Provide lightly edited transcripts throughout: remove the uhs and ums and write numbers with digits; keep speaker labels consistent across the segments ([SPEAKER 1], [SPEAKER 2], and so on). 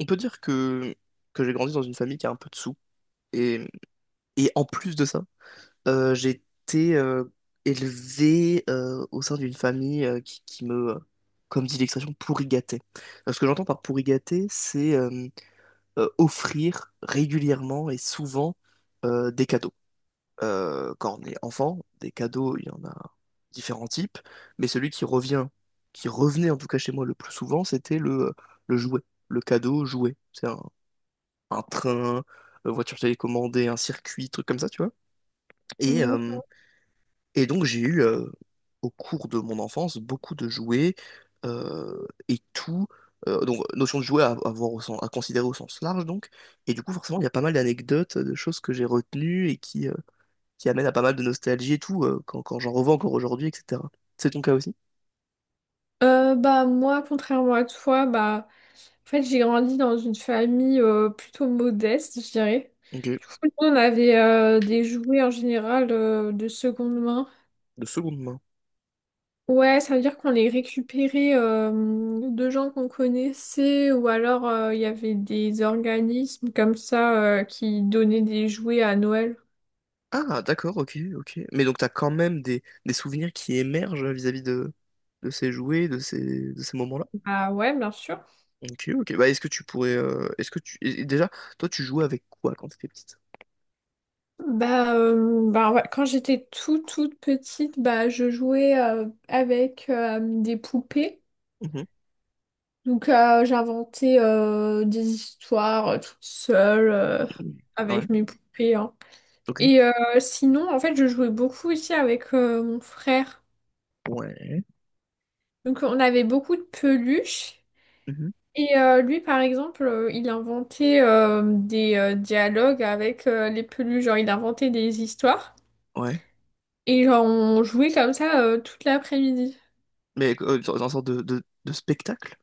[SPEAKER 1] On peut dire que j'ai grandi dans une famille qui a un peu de sous. Et, et en plus de ça, j'ai été élevé au sein d'une famille qui, qui me, comme dit l'expression, pourri gâté. Ce que j'entends par pourri gâté, c'est offrir régulièrement et souvent des cadeaux. Quand on est enfant, des cadeaux, il y en a différents types, mais qui revenait en tout cas chez moi le plus souvent, c'était le jouet, le cadeau jouet. C'est un train, voiture télécommandée, un circuit, trucs comme ça, tu vois. Et, euh,
[SPEAKER 2] Ouais.
[SPEAKER 1] et donc j'ai eu, au cours de mon enfance, beaucoup de jouets et tout. Donc notion de jouet à voir au sens- à considérer au sens large, donc. Et du coup, forcément, il y a pas mal d'anecdotes, de choses que j'ai retenues et qui amènent à pas mal de nostalgie et tout, quand j'en revends encore aujourd'hui, etc. C'est ton cas aussi?
[SPEAKER 2] Bah moi, contrairement à toi, bah en fait j'ai grandi dans une famille plutôt modeste, je dirais.
[SPEAKER 1] Ok,
[SPEAKER 2] Du coup, nous, on avait des jouets en général de seconde main.
[SPEAKER 1] de seconde main.
[SPEAKER 2] Ouais, ça veut dire qu'on les récupérait de gens qu'on connaissait ou alors il y avait des organismes comme ça qui donnaient des jouets à Noël.
[SPEAKER 1] Ah, d'accord, ok, ok. Mais donc t'as quand même des souvenirs qui émergent vis-à-vis de ces jouets, de ces moments-là.
[SPEAKER 2] Bah ouais, bien sûr.
[SPEAKER 1] Ok, ok. Bah, est-ce que tu pourrais, est-ce que tu, et déjà, toi, tu jouais avec quoi quand t'étais petite?
[SPEAKER 2] Bah, bah ouais, quand j'étais toute toute petite, bah je jouais avec des poupées.
[SPEAKER 1] Mhm.
[SPEAKER 2] Donc j'inventais des histoires toute seule
[SPEAKER 1] Ouais.
[SPEAKER 2] avec mes poupées, hein.
[SPEAKER 1] Ok.
[SPEAKER 2] Et sinon, en fait, je jouais beaucoup aussi avec mon frère.
[SPEAKER 1] Ouais.
[SPEAKER 2] Donc on avait beaucoup de peluches.
[SPEAKER 1] Mhm.
[SPEAKER 2] Et lui, par exemple, il inventait des dialogues avec les peluches. Genre, il inventait des histoires.
[SPEAKER 1] Ouais.
[SPEAKER 2] Et genre, on jouait comme ça toute l'après-midi.
[SPEAKER 1] Mais euh, dans une sorte de spectacle?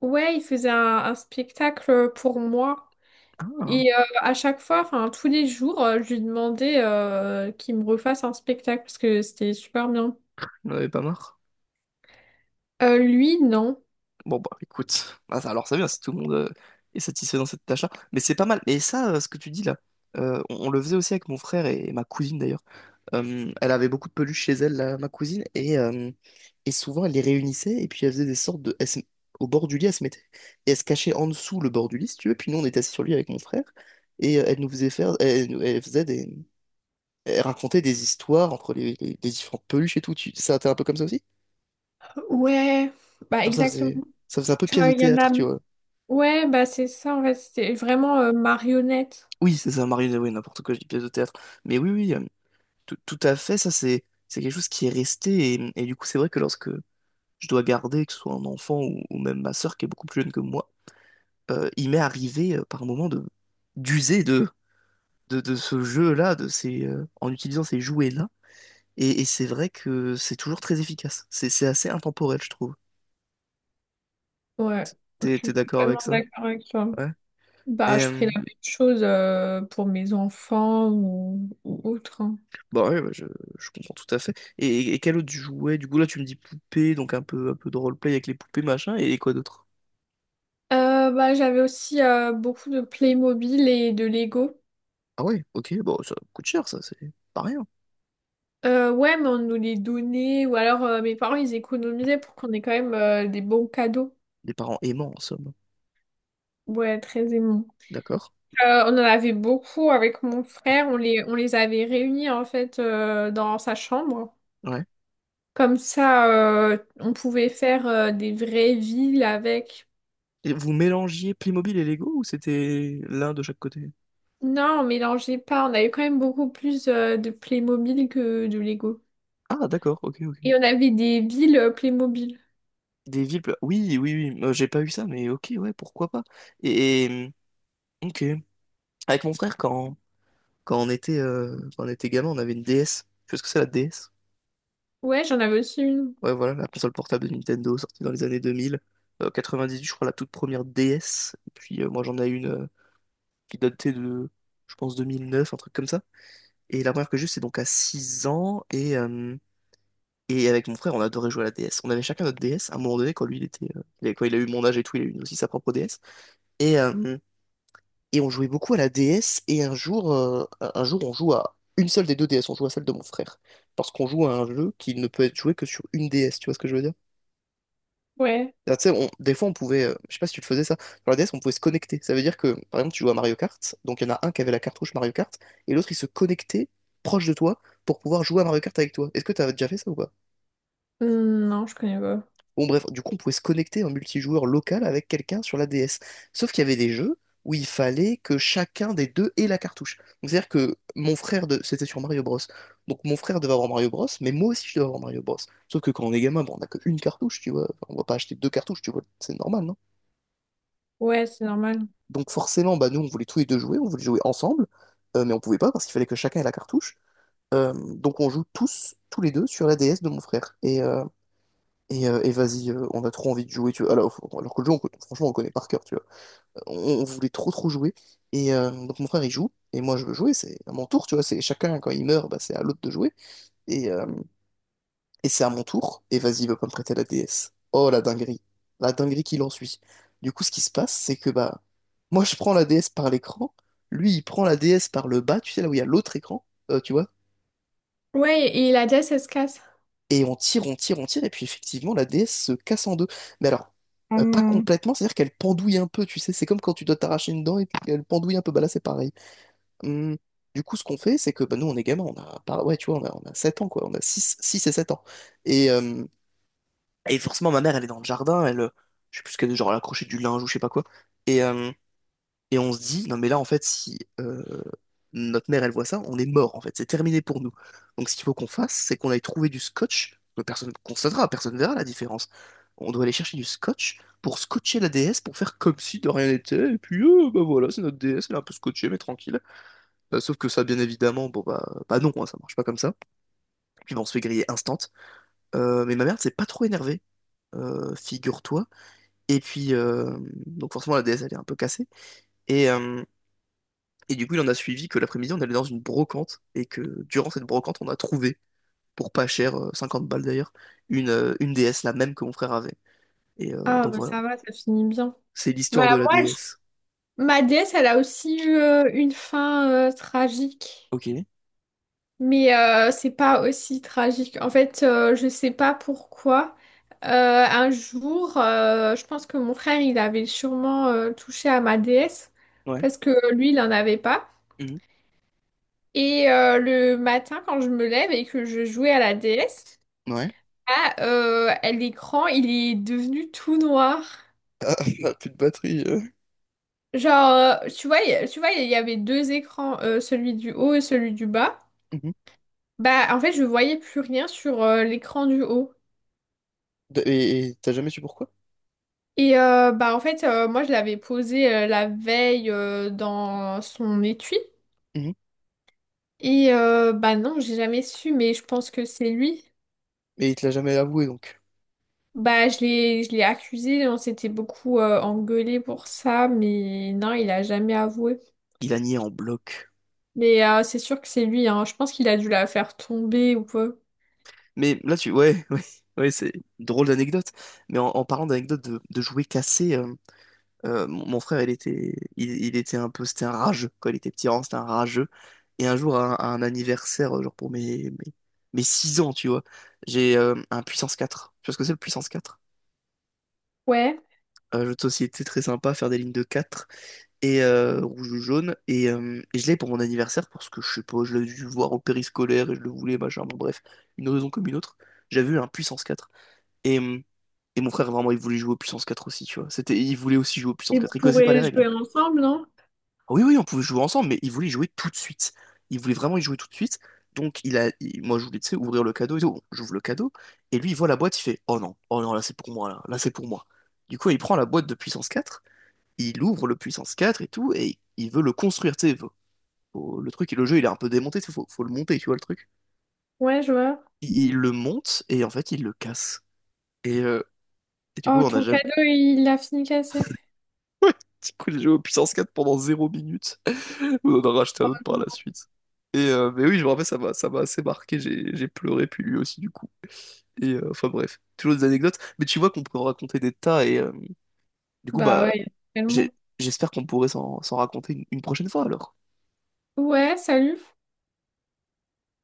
[SPEAKER 2] Ouais, il faisait un spectacle pour moi.
[SPEAKER 1] Ah,
[SPEAKER 2] Et à chaque fois, enfin tous les jours, je lui demandais qu'il me refasse un spectacle parce que c'était super bien.
[SPEAKER 1] on avait pas marre.
[SPEAKER 2] Lui, non.
[SPEAKER 1] Bon bah écoute, ah, ça- alors c'est bien si tout le monde est satisfait dans cette tâche-là. Mais c'est pas mal. Et ça, ce que tu dis là, on le faisait aussi avec mon frère et ma cousine d'ailleurs. Elle avait beaucoup de peluches chez elle, là, ma cousine, et souvent elle les réunissait et puis elle faisait des sortes de... elle se- Au bord du lit, elle se mettait et elle se cachait en dessous le bord du lit, si tu veux. Puis nous, on était assis sur lui avec mon frère et elle nous faisait faire... Elle, nous- elle faisait des... Elle racontait des histoires entre les différentes peluches et tout. Tu... Ça, t'es un peu comme ça aussi?
[SPEAKER 2] Ouais, bah
[SPEAKER 1] Genre
[SPEAKER 2] exactement.
[SPEAKER 1] ça faisait un peu
[SPEAKER 2] Genre,
[SPEAKER 1] pièce de
[SPEAKER 2] il y en
[SPEAKER 1] théâtre,
[SPEAKER 2] a...
[SPEAKER 1] tu vois.
[SPEAKER 2] Ouais, bah c'est ça en fait, c'était vraiment marionnette.
[SPEAKER 1] Oui, c'est ça, marionnette, oui, n'importe quoi, je dis pièce de théâtre. Mais tout, tout à fait, ça c'est quelque chose qui est resté. Et du coup, c'est vrai que lorsque je dois garder, que ce soit un enfant ou même ma sœur qui est beaucoup plus jeune que moi, il m'est arrivé par moment de d'user de ce jeu-là, en utilisant ces jouets-là. Et c'est vrai que c'est toujours très efficace. C'est assez intemporel, je trouve.
[SPEAKER 2] Ouais, je
[SPEAKER 1] T'es
[SPEAKER 2] suis
[SPEAKER 1] d'accord avec
[SPEAKER 2] complètement
[SPEAKER 1] ça?
[SPEAKER 2] d'accord avec toi.
[SPEAKER 1] Ouais.
[SPEAKER 2] Bah
[SPEAKER 1] Et,
[SPEAKER 2] je ferai
[SPEAKER 1] euh,
[SPEAKER 2] la même chose pour mes enfants ou autre, hein.
[SPEAKER 1] Bah je comprends tout à fait. Et quel autre tu jouais? Du coup, là, tu me dis poupée, donc un peu de roleplay avec les poupées, machin, et, quoi d'autre?
[SPEAKER 2] Bah j'avais aussi beaucoup de Playmobil et de Lego.
[SPEAKER 1] Ah ouais, ok, bon, ça coûte cher, ça, c'est pas rien.
[SPEAKER 2] Ouais, mais on nous les donnait, ou alors mes parents ils économisaient pour qu'on ait quand même des bons cadeaux.
[SPEAKER 1] Des parents aimants, en somme.
[SPEAKER 2] Ouais, très aimant.
[SPEAKER 1] D'accord.
[SPEAKER 2] On en avait beaucoup avec mon frère, on les avait réunis en fait dans sa chambre.
[SPEAKER 1] Ouais.
[SPEAKER 2] Comme ça, on pouvait faire des vraies villes avec.
[SPEAKER 1] Et vous mélangiez Playmobil et Lego ou c'était l'un de chaque côté?
[SPEAKER 2] Non, on mélangeait pas, on avait quand même beaucoup plus de Playmobil que de Lego.
[SPEAKER 1] Ah, d'accord, ok, ok.
[SPEAKER 2] Et on avait des villes Playmobil.
[SPEAKER 1] Des villes, pla- oui, oui, oui, j'ai pas eu ça, mais ok, ouais, pourquoi pas. Et, et, mmh, ok. Avec mon frère, quand on était, quand on était gamin, on avait une DS. Tu vois ce que c'est la DS?
[SPEAKER 2] Ouais, j'en avais aussi une.
[SPEAKER 1] Ouais, voilà, la console portable de Nintendo sortie dans les années 2000. 98, je crois, la toute première DS. Et puis moi, j'en ai une qui datait de, je pense, 2009, un truc comme ça. Et la première que j'ai eue, c'est donc à 6 ans. Et avec mon frère, on adorait jouer à la DS. On avait chacun notre DS. À un moment donné, quand lui, il était, il a- quand il a eu mon âge et tout, il a eu aussi sa propre DS. Et, euh, et on jouait beaucoup à la DS. Et un jour, on joue à une seule des deux DS. On joue à celle de mon frère. Parce qu'on joue à un jeu qui ne peut être joué que sur une DS. Tu vois ce que je veux dire?
[SPEAKER 2] Ouais.
[SPEAKER 1] Ah, tu sais, on- des fois, on pouvait, je sais pas si tu le faisais ça, sur la DS, on pouvait se connecter. Ça veut dire que, par exemple, tu joues à Mario Kart, donc il y en a un qui avait la cartouche Mario Kart, et l'autre, il se connectait proche de toi pour pouvoir jouer à Mario Kart avec toi. Est-ce que t'as déjà fait ça ou pas?
[SPEAKER 2] Non, je connais pas.
[SPEAKER 1] Bon, bref, du coup, on pouvait se connecter en multijoueur local avec quelqu'un sur la DS. Sauf qu'il y avait des jeux où il fallait que chacun des deux ait la cartouche. Donc, c'est-à-dire que mon frère, de... c'était sur Mario Bros. Donc, mon frère devait avoir Mario Bros, mais moi aussi, je devais avoir Mario Bros. Sauf que quand on est gamin, bon, on n'a qu'une cartouche, tu vois. Enfin, on va pas acheter deux cartouches, tu vois. C'est normal, non?
[SPEAKER 2] Ouais, c'est normal.
[SPEAKER 1] Donc forcément, bah, nous, on voulait tous les deux jouer, on voulait jouer ensemble, mais on pouvait pas parce qu'il fallait que chacun ait la cartouche. Donc on joue tous les deux, sur la DS de mon frère. Et vas-y, on a trop envie de jouer, tu vois. Alors que le jeu, on co- franchement, on le connaît par cœur, tu vois. On voulait trop jouer. Donc mon frère, il joue, et moi, je veux jouer, c'est à mon tour, tu vois. C'est chacun, quand il meurt, bah, c'est à l'autre de jouer. Et, euh, et c'est à mon tour, et vas-y, va pas me prêter la DS. Oh la dinguerie. La dinguerie qui l'ensuit. Du coup, ce qui se passe, c'est que bah, moi je prends la DS par l'écran, lui il prend la DS par le bas, tu sais là où il y a l'autre écran, tu vois,
[SPEAKER 2] Ouais, et la déesse, elle se casse.
[SPEAKER 1] et on tire, on tire, et puis effectivement la DS se casse en deux. Mais alors,
[SPEAKER 2] Oh
[SPEAKER 1] pas
[SPEAKER 2] non.
[SPEAKER 1] complètement, c'est-à-dire qu'elle pendouille un peu, tu sais, c'est comme quand tu dois t'arracher une dent et puis qu'elle pendouille un peu, bah là c'est pareil. Hum, Du coup, ce qu'on fait, c'est que bah, nous on est gamins, on a, par- ouais, tu vois, on a 7 ans quoi, on a 6 et 7 ans. Et. euh, Et forcément, ma mère, elle est dans le jardin, je sais plus ce qu'elle, genre, elle accrochait du linge ou je sais pas quoi. Et, euh, et on se dit, non mais là, en fait, si notre mère, elle voit ça, on est mort, en fait, c'est terminé pour nous. Donc ce qu'il faut qu'on fasse, c'est qu'on aille trouver du scotch, que personne constatera, personne verra la différence. On doit aller chercher du scotch pour scotcher la déesse, pour faire comme si de rien n'était, et puis, bah voilà, c'est notre déesse, elle est un peu scotchée, mais tranquille. Sauf que ça, bien évidemment, bon bah, bah non, hein, ça marche pas comme ça. Puis bah, on se fait griller instant. Mais ma mère, c'est pas trop énervée. Figure-toi. Et puis, donc forcément, la déesse, elle est un peu cassée. Et, euh, et du coup, il en a suivi que l'après-midi, on allait dans une brocante, et que durant cette brocante, on a trouvé, pour pas cher, 50 balles d'ailleurs, une déesse, la même que mon frère avait.
[SPEAKER 2] Ah,
[SPEAKER 1] Donc
[SPEAKER 2] bah
[SPEAKER 1] voilà,
[SPEAKER 2] ça va, ça finit bien.
[SPEAKER 1] c'est l'histoire
[SPEAKER 2] Bah
[SPEAKER 1] de la
[SPEAKER 2] moi,
[SPEAKER 1] déesse.
[SPEAKER 2] ma déesse, elle a aussi eu une fin tragique.
[SPEAKER 1] Ok.
[SPEAKER 2] Mais c'est pas aussi tragique. En fait, je sais pas pourquoi. Euh, un jour, je pense que mon frère, il avait sûrement touché à ma déesse.
[SPEAKER 1] Ouais.
[SPEAKER 2] Parce que lui, il en avait pas.
[SPEAKER 1] Mhm.
[SPEAKER 2] Et le matin, quand je me lève et que je jouais à la déesse,
[SPEAKER 1] Ouais.
[SPEAKER 2] ah, l'écran, il est devenu tout noir.
[SPEAKER 1] Ah, on plus de batterie.
[SPEAKER 2] Genre, tu vois, tu vois, il y avait deux écrans, celui du haut et celui du bas.
[SPEAKER 1] Mhm.
[SPEAKER 2] Bah, en fait, je voyais plus rien sur l'écran du haut.
[SPEAKER 1] De- et t'as jamais su pourquoi?
[SPEAKER 2] Et bah, en fait, moi, je l'avais posé la veille dans son étui.
[SPEAKER 1] Mhm.
[SPEAKER 2] Et bah, non, j'ai jamais su, mais je pense que c'est lui.
[SPEAKER 1] Et il te l'a jamais avoué, donc.
[SPEAKER 2] Bah, je l'ai accusé, on s'était beaucoup engueulé pour ça, mais non, il a jamais avoué.
[SPEAKER 1] Il a nié en bloc.
[SPEAKER 2] Mais c'est sûr que c'est lui, hein. Je pense qu'il a dû la faire tomber ou quoi.
[SPEAKER 1] Mais là, tu... Ouais, ouais, c'est une drôle d'anecdote. Mais en parlant d'anecdote de jouets cassés, mon mon frère, il était un peu, c'était un rageux. Quand il était petit, vraiment, c'était un rageux. Et un jour, à à un anniversaire, genre pour mes 6 ans, tu vois, j'ai un puissance 4. Tu vois ce que c'est le puissance 4?
[SPEAKER 2] Ouais.
[SPEAKER 1] Un jeu de société très sympa, faire des lignes de 4 et rouge ou jaune. Et je l'ai pour mon anniversaire parce que je sais pas, je l'ai dû voir au périscolaire et je le voulais, machin. Bon, bref, une raison comme une autre. J'avais eu un puissance 4. Et, euh, et mon frère, vraiment, il voulait jouer au puissance 4 aussi, tu vois. C'était, il voulait aussi jouer au puissance
[SPEAKER 2] Et vous
[SPEAKER 1] 4. Il connaissait pas les
[SPEAKER 2] pourrez
[SPEAKER 1] règles, hein.
[SPEAKER 2] jouer ensemble, non?
[SPEAKER 1] Oui, oui, on pouvait jouer ensemble, mais il voulait y jouer tout de suite. Il voulait vraiment y jouer tout de suite. Donc, moi, je voulais, tu sais, ouvrir le cadeau et tout. Bon, j'ouvre le cadeau. Et lui, il voit la boîte, il fait, oh non, oh non, là, c'est pour moi, là, c'est pour moi. Du coup, il prend la boîte de puissance quatre, il ouvre le puissance 4 et tout, et il veut le construire, tu sais. Le truc, et le jeu, il est un peu démonté, tu sais, faut le monter, tu vois, le truc.
[SPEAKER 2] Ouais, je vois.
[SPEAKER 1] Il le monte, et en fait, il le casse. Et, euh, et du coup,
[SPEAKER 2] Oh,
[SPEAKER 1] on a
[SPEAKER 2] ton
[SPEAKER 1] jamais
[SPEAKER 2] cadeau, il a fini cassé.
[SPEAKER 1] Petit coup, j'ai joué au puissance 4 pendant zéro minutes. On en a racheté un autre par la suite. Mais oui, je me rappelle, ça m'a assez marqué. J'ai pleuré, puis lui aussi, du coup. Enfin bref, toujours des anecdotes. Mais tu vois qu'on peut en raconter des tas. Du coup,
[SPEAKER 2] Bah
[SPEAKER 1] bah,
[SPEAKER 2] ouais,
[SPEAKER 1] j'ai-
[SPEAKER 2] tellement.
[SPEAKER 1] j'espère qu'on pourrait s'en raconter une prochaine fois alors.
[SPEAKER 2] Ouais, salut.